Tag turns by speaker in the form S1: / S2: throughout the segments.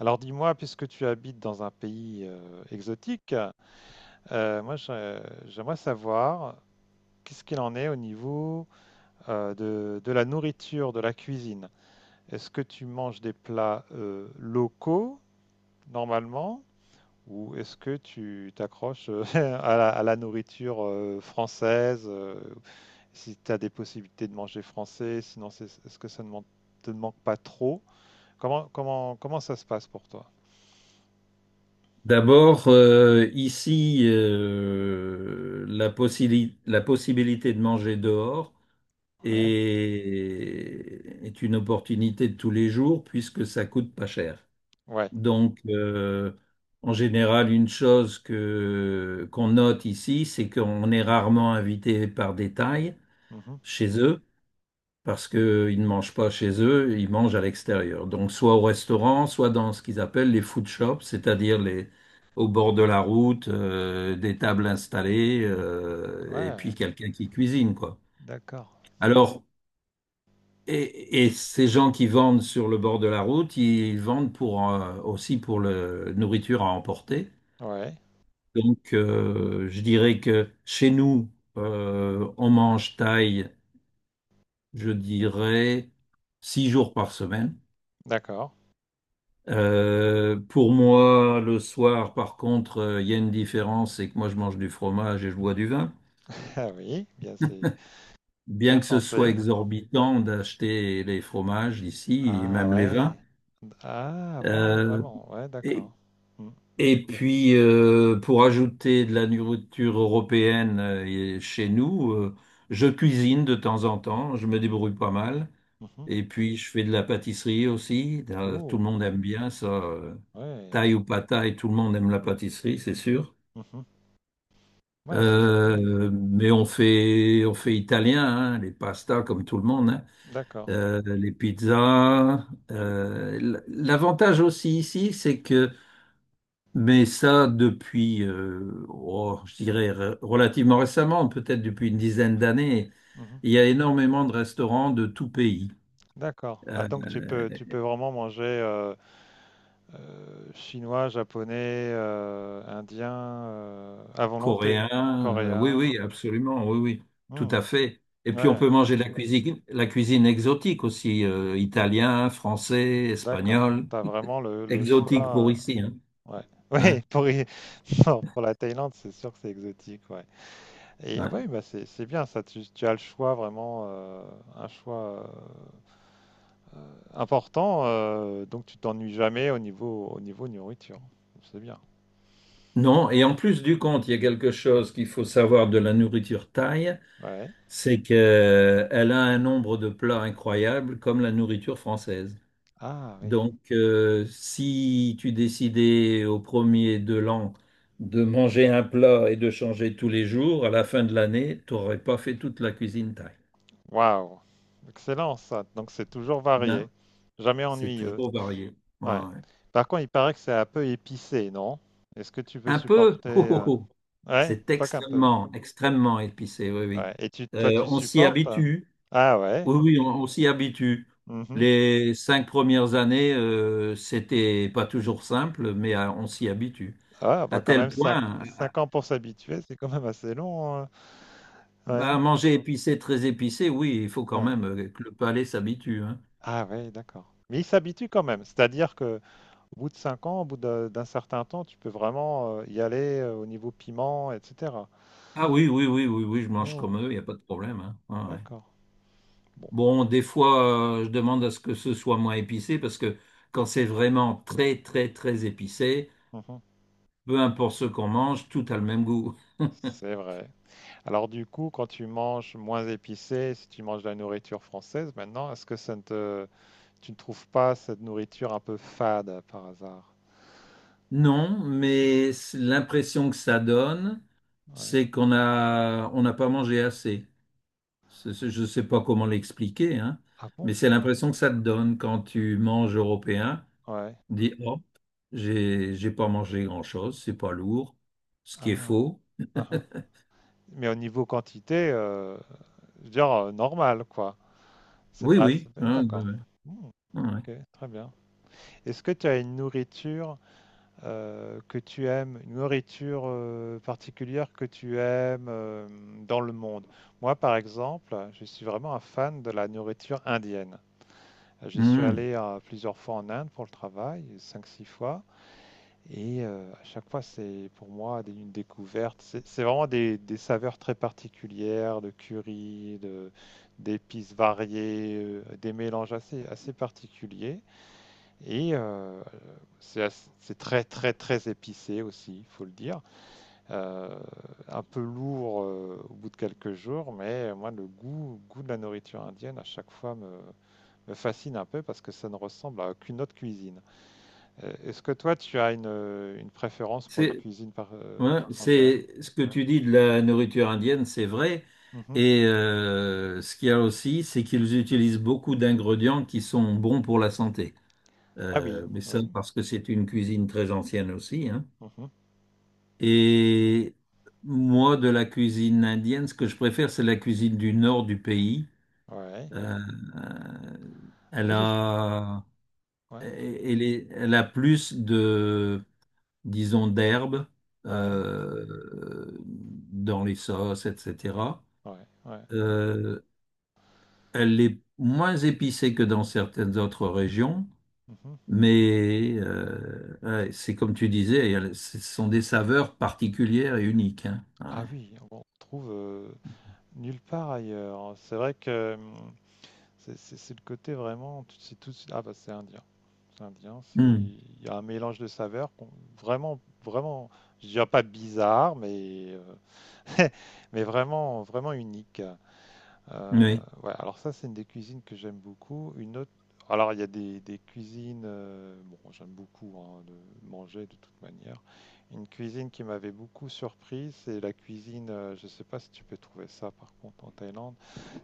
S1: Alors dis-moi, puisque tu habites dans un pays exotique, moi j'aimerais savoir qu'est-ce qu'il en est au niveau de la nourriture, de la cuisine. Est-ce que tu manges des plats locaux normalement ou est-ce que tu t'accroches à la nourriture française si tu as des possibilités de manger français, sinon est-ce que ça ne man- te manque pas trop? Comment ça se passe pour toi?
S2: D'abord, ici, la possibilité de manger dehors
S1: Ouais.
S2: est une opportunité de tous les jours puisque ça coûte pas cher.
S1: Ouais.
S2: Donc, en général, une chose que qu'on note ici, c'est qu'on est rarement invité par des tailles
S1: Mhm.
S2: chez eux parce qu'ils ne mangent pas chez eux, ils mangent à l'extérieur. Donc soit au restaurant, soit dans ce qu'ils appellent les food shops, c'est-à-dire les au bord de la route, des tables installées, et
S1: Ouais,
S2: puis quelqu'un qui cuisine, quoi.
S1: d'accord. C'est
S2: Alors, et ces gens qui vendent sur le bord de la route, ils vendent pour, aussi pour la nourriture à emporter.
S1: Ouais,
S2: Donc, je dirais que chez nous, on mange thaï, je dirais, 6 jours par semaine.
S1: d'accord.
S2: Pour moi, le soir, par contre, il y a une différence, c'est que moi, je mange du fromage et je bois du vin.
S1: Ah oui, bien c'est
S2: Bien
S1: bien
S2: que ce soit
S1: français.
S2: exorbitant d'acheter les fromages ici et
S1: Ah
S2: même les vins.
S1: ouais. Ah bon,
S2: Euh,
S1: vraiment. Ouais,
S2: et,
S1: d'accord. Mm,
S2: et puis, pour ajouter de la nourriture européenne et chez nous, je cuisine de temps en temps, je me débrouille pas mal.
S1: mhm.
S2: Et puis, je fais de la pâtisserie aussi. Tout
S1: Oh,
S2: le monde aime bien ça.
S1: ouais.
S2: Thaï ou pas thaï, tout le monde aime la pâtisserie, c'est sûr.
S1: Mhm. Ouais, c'est génial ça.
S2: Mais on fait italien, hein, les pastas comme tout le monde, hein,
S1: D'accord.
S2: les pizzas. L'avantage aussi ici, c'est que, mais ça depuis, oh, je dirais relativement récemment, peut-être depuis une dizaine d'années,
S1: Mhm.
S2: il y a énormément de restaurants de tout pays.
S1: D'accord. Ah
S2: Euh,
S1: donc tu peux vraiment manger chinois, japonais, indien à volonté,
S2: Coréen.
S1: enfin,
S2: Oui,
S1: coréen.
S2: oui, absolument. Oui, oui, tout à
S1: Hmm,
S2: fait. Et puis on
S1: ouais,
S2: peut manger la cuisine exotique aussi, italien, français,
S1: d'accord.
S2: espagnol.
S1: T'as vraiment le
S2: Exotique pour
S1: choix.
S2: ici, hein.
S1: Ouais,
S2: Hein,
S1: ouais, pour la Thaïlande, c'est sûr que c'est exotique, ouais. Et ouais,
S2: ouais.
S1: bah c'est bien ça, tu as le choix vraiment, un choix important, donc tu t'ennuies jamais au niveau nourriture. C'est bien.
S2: Non, et en plus du compte, il y a quelque chose qu'il faut savoir de la nourriture thaï,
S1: Ouais.
S2: c'est qu'elle a un nombre de plats incroyable comme la nourriture française.
S1: Ah oui.
S2: Donc, si tu décidais au premier de l'an de manger un plat et de changer tous les jours, à la fin de l'année, tu n'aurais pas fait toute la cuisine thaï.
S1: Waouh. Excellent ça. Donc c'est toujours
S2: Non,
S1: varié, jamais
S2: c'est
S1: ennuyeux.
S2: toujours varié. Ouais,
S1: Ouais.
S2: ouais.
S1: Par contre, il paraît que c'est un peu épicé, non? Est-ce que tu peux
S2: Un peu,
S1: supporter,
S2: oh, oh, oh.
S1: Ouais,
S2: C'est
S1: pas qu'un peu.
S2: extrêmement, extrêmement épicé, oui, oui.
S1: Ouais. Et toi, tu
S2: On s'y
S1: supportes, hein?
S2: habitue,
S1: Ah ouais.
S2: oui, oui, on s'y habitue.
S1: Mmh.
S2: Les 5 premières années, c'était pas toujours simple, mais on s'y habitue.
S1: Ah
S2: À
S1: bah, quand
S2: tel
S1: même cinq
S2: point.
S1: 5 ans pour s'habituer, c'est quand même assez long, hein. Ouais,
S2: Bah, manger épicé, très épicé, oui, il faut quand
S1: ouais.
S2: même que le palais s'habitue, hein.
S1: Ah ouais, d'accord. Mais ils s'habituent quand même, c'est-à-dire que au bout de 5 ans, au bout de d'un certain temps, tu peux vraiment, y aller, au niveau piment et cetera?
S2: Ah oui, oui, oui, oui, oui, je mange comme
S1: Oh,
S2: eux, il n'y a pas de problème, hein. Ouais, ouais.
S1: d'accord. Bon.
S2: Bon, des fois, je demande à ce que ce soit moins épicé parce que quand c'est vraiment très, très, très épicé,
S1: Mmh.
S2: peu importe ce qu'on mange, tout a le même goût.
S1: C'est vrai. Alors du coup, quand tu manges moins épicé, si tu manges de la nourriture française maintenant, est-ce que ça ne te tu ne trouves pas cette nourriture un peu fade, par hasard?
S2: Non, mais l'impression que ça donne,
S1: Ouais.
S2: c'est on n'a pas mangé assez. Je ne sais pas comment l'expliquer, hein,
S1: Ah
S2: mais
S1: bon?
S2: c'est
S1: Ouais.
S2: l'impression que ça te donne quand tu manges européen.
S1: Ouais.
S2: Dit oh, j'ai pas mangé grand-chose, c'est pas lourd, ce qui est
S1: Ah ouais.
S2: faux.
S1: Mmh. Mais au niveau quantité, je veux dire, normal, quoi.
S2: Oui, oui,
S1: C'est pas-
S2: hein, ouais,
S1: D'accord. Hmm,
S2: ouais, ouais.
S1: ok, très bien. Est-ce que tu as une nourriture que tu aimes, une nourriture particulière que tu aimes dans le monde? Moi, par exemple, je suis vraiment un fan de la nourriture indienne. J'y suis
S2: Mhm.
S1: allé plusieurs fois en Inde pour le travail, cinq, six fois. Et à chaque fois, c'est pour moi une découverte. C'est vraiment des saveurs très particulières, de curry, d'épices variées, des mélanges assez particuliers. Et c'est très, très, très épicé aussi, il faut le dire. Euh, un peu lourd au bout de quelques jours, mais moi, le goût de la nourriture indienne, à chaque fois, me fascine un peu parce que ça ne ressemble à aucune autre cuisine. Est-ce que toi, tu as une préférence pour une
S2: C'est
S1: cuisine
S2: Ouais,
S1: étrangère?
S2: c'est ce que tu dis de la nourriture indienne, c'est vrai.
S1: Mhm.
S2: Et ce qu'il y a aussi, c'est qu'ils utilisent beaucoup d'ingrédients qui sont bons pour la santé.
S1: Ah oui,
S2: Mais ça,
S1: oui.
S2: parce que c'est une cuisine très ancienne aussi, hein.
S1: Mhm,
S2: Et moi, de la cuisine indienne, ce que je préfère, c'est la cuisine du nord du pays.
S1: ouais.
S2: Euh,
S1: Ah, moi,
S2: Elle
S1: j'ai fait.
S2: a,
S1: Ouais,
S2: euh, elle a plus de, disons, d'herbes
S1: ouais,
S2: euh, dans les sauces, etc.
S1: ouais, ouais. Ouais,
S2: Euh, Elle est moins épicée que dans certaines autres régions,
S1: mhm.
S2: mais ouais, c'est comme tu disais, ce sont des saveurs particulières et uniques, hein. Ouais.
S1: Ah oui, on trouve nulle part ailleurs, hein. C'est vrai que c'est le côté vraiment. C'est tout. Ah bah c'est indien, c'est indien. C'est
S2: Hmm.
S1: il y a un mélange de saveurs vraiment, vraiment. Je dirais pas bizarre, mais mais vraiment, vraiment unique. Euh,
S2: Oui.
S1: ouais, alors ça, c'est une des cuisines que j'aime beaucoup. Une autre, alors il y a des cuisines, bon, j'aime beaucoup hein, de manger de toute manière. Une cuisine qui m'avait beaucoup surpris, c'est la cuisine, je sais pas si tu peux trouver ça par contre en Thaïlande,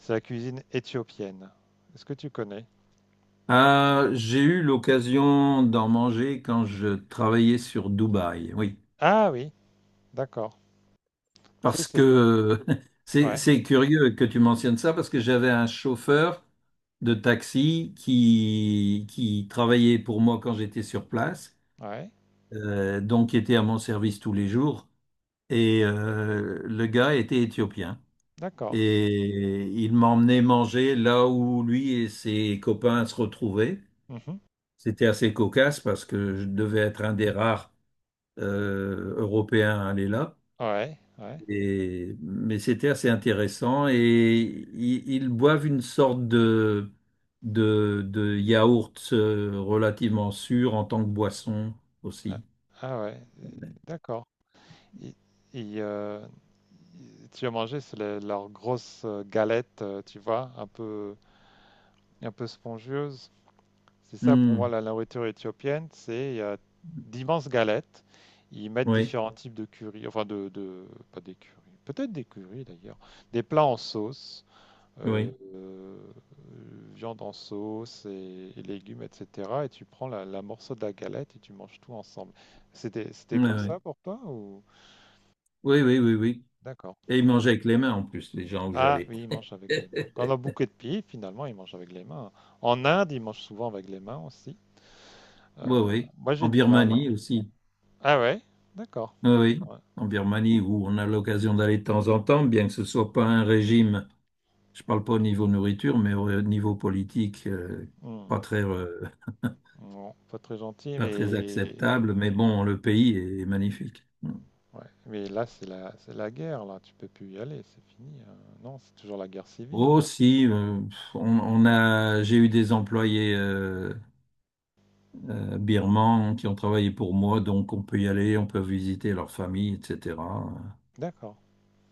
S1: c'est la cuisine éthiopienne. Est-ce que tu connais?
S2: Ah, j'ai eu l'occasion d'en manger quand je travaillais sur Dubaï. Oui.
S1: Ah oui, d'accord. C'est,
S2: Parce
S1: c'est...
S2: que
S1: Ouais,
S2: c'est curieux que tu mentionnes ça, parce que j'avais un chauffeur de taxi qui travaillait pour moi quand j'étais sur place,
S1: ouais,
S2: donc qui était à mon service tous les jours. Et le gars était éthiopien.
S1: d'accord.
S2: Et il m'emmenait manger là où lui et ses copains se retrouvaient.
S1: Mhm.
S2: C'était assez cocasse parce que je devais être un des rares Européens à aller là.
S1: Ouais, ouais.
S2: Mais c'était assez intéressant et boivent une sorte de yaourt relativement sûr en tant que boisson
S1: Ah
S2: aussi.
S1: ah ouais, d'accord. Et, et, euh, tu as mangé, c'est leur grosse galette, tu vois, un peu, spongieuse. C'est ça pour moi
S2: Hmm,
S1: la nourriture éthiopienne, c'est il y d'immenses galettes. Ils mettent
S2: oui,
S1: différents types de curry, enfin pas des curry, peut-être des curry d'ailleurs, des plats en sauce, euh,
S2: oui,
S1: euh, viande en sauce et légumes, etc. Et tu prends la morceau de la galette et tu manges tout ensemble. C'était comme
S2: oui,
S1: ça pour toi ou?
S2: oui, oui, oui, oui, oui.
S1: D'accord.
S2: Et ils mangeaient avec les mains en plus, les gens où
S1: Ah
S2: j'allais.
S1: oui, ils mangent avec les mains. Quand on a beaucoup de pieds, finalement, ils mangent avec les mains. En Inde, ils mangent souvent avec les mains aussi. Euh,
S2: Oui, oui,
S1: moi,
S2: en
S1: j'ai du mal, hein.
S2: Birmanie aussi.
S1: Ah ouais? D'accord.
S2: Oui, oui,
S1: Ouais.
S2: en Birmanie où on a l'occasion d'aller de temps en temps, bien que ce soit pas un régime, je parle pas au niveau nourriture, mais au niveau politique,
S1: Hmm.
S2: pas très,
S1: Non, pas très gentil,
S2: pas très
S1: mais.
S2: acceptable, mais
S1: Ouais,
S2: bon, le pays est magnifique.
S1: ouais. Mais là, c'est la guerre, là. Tu peux plus y aller, c'est fini. Non, c'est toujours la guerre civile,
S2: Oh,
S1: non?
S2: si, on a, j'ai eu des employés birmans qui ont travaillé pour moi, donc on peut y aller, on peut visiter leur famille, etc.
S1: D'accord.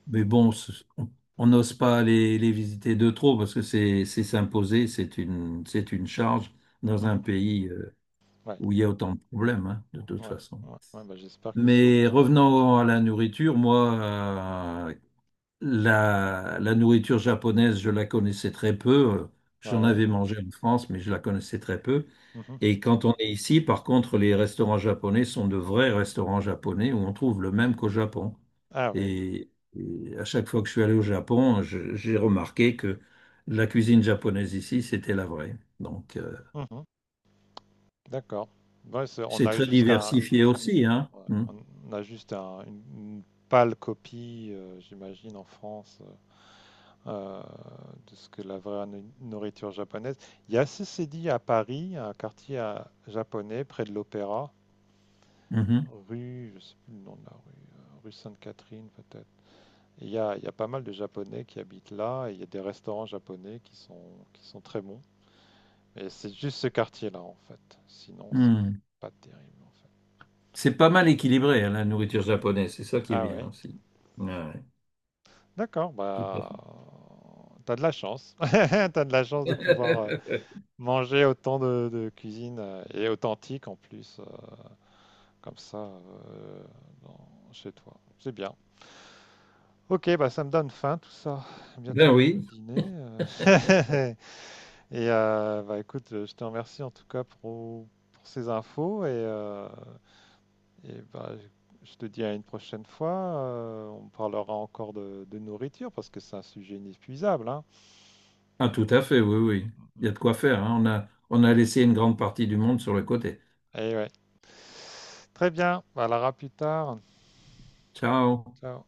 S2: Mais bon, on n'ose pas les visiter de trop parce que c'est s'imposer, c'est une charge dans un
S1: Mhm.
S2: pays
S1: Ouais,
S2: où il y a autant de problèmes, hein, de toute
S1: ouais,
S2: façon.
S1: ouais, ouais, bah, j'espère qu'ils
S2: Mais
S1: sauront résoudre.
S2: revenons à la nourriture, moi, la nourriture japonaise, je la connaissais très peu. Euh, J'en
S1: Ouais.
S2: avais mangé en France, mais je la connaissais très peu.
S1: Mhm.
S2: Et quand on est ici, par contre, les restaurants japonais sont de vrais restaurants japonais où on trouve le même qu'au Japon.
S1: Ah oui.
S2: Et, et à chaque fois que je suis allé au Japon, j'ai remarqué que la cuisine japonaise ici, c'était la vraie. Donc,
S1: Mhm. D'accord. Ouais, c'est- on
S2: c'est
S1: a
S2: très
S1: jusqu'à.
S2: diversifié aussi, hein.
S1: Ouais,
S2: Mm.
S1: on a juste une pâle copie, j'imagine, en France, euh, de ce que la vraie nourriture japonaise. Il y a ceci dit à Paris, un quartier japonais près de l'Opéra,
S2: Mhm.
S1: rue, je sais plus le nom de la rue, rue Sainte-Catherine peut-être. Il y a pas mal de Japonais qui habitent là, et il y a des restaurants japonais qui sont très bons. Et c'est juste ce quartier-là, en fait. Sinon, c'est
S2: Mm.
S1: pas terrible, en fait.
S2: C'est pas mal équilibré, hein, la nourriture japonaise. C'est ça qui est
S1: Ah
S2: bien
S1: ouais.
S2: aussi. Ouais, ouais.
S1: D'accord,
S2: Tout à
S1: bah, t'as de la chance. T'as de la chance de pouvoir manger autant de cuisine et authentique en plus, comme ça, chez toi. C'est bien. Ok, bah ça me donne faim tout ça. Bientôt
S2: Ben
S1: l'heure de
S2: oui,
S1: dîner. Et bah écoute, je te remercie en tout cas pour ces infos et bah, je te dis à une prochaine fois. On parlera encore de nourriture parce que c'est un sujet inépuisable, hein.
S2: ah, tout à fait, oui, oui. Il y a de quoi faire, hein. On a laissé une grande partie du monde sur le côté.
S1: Et ouais. Très bien, bah, à la plus tard.
S2: Ciao.
S1: Ciao.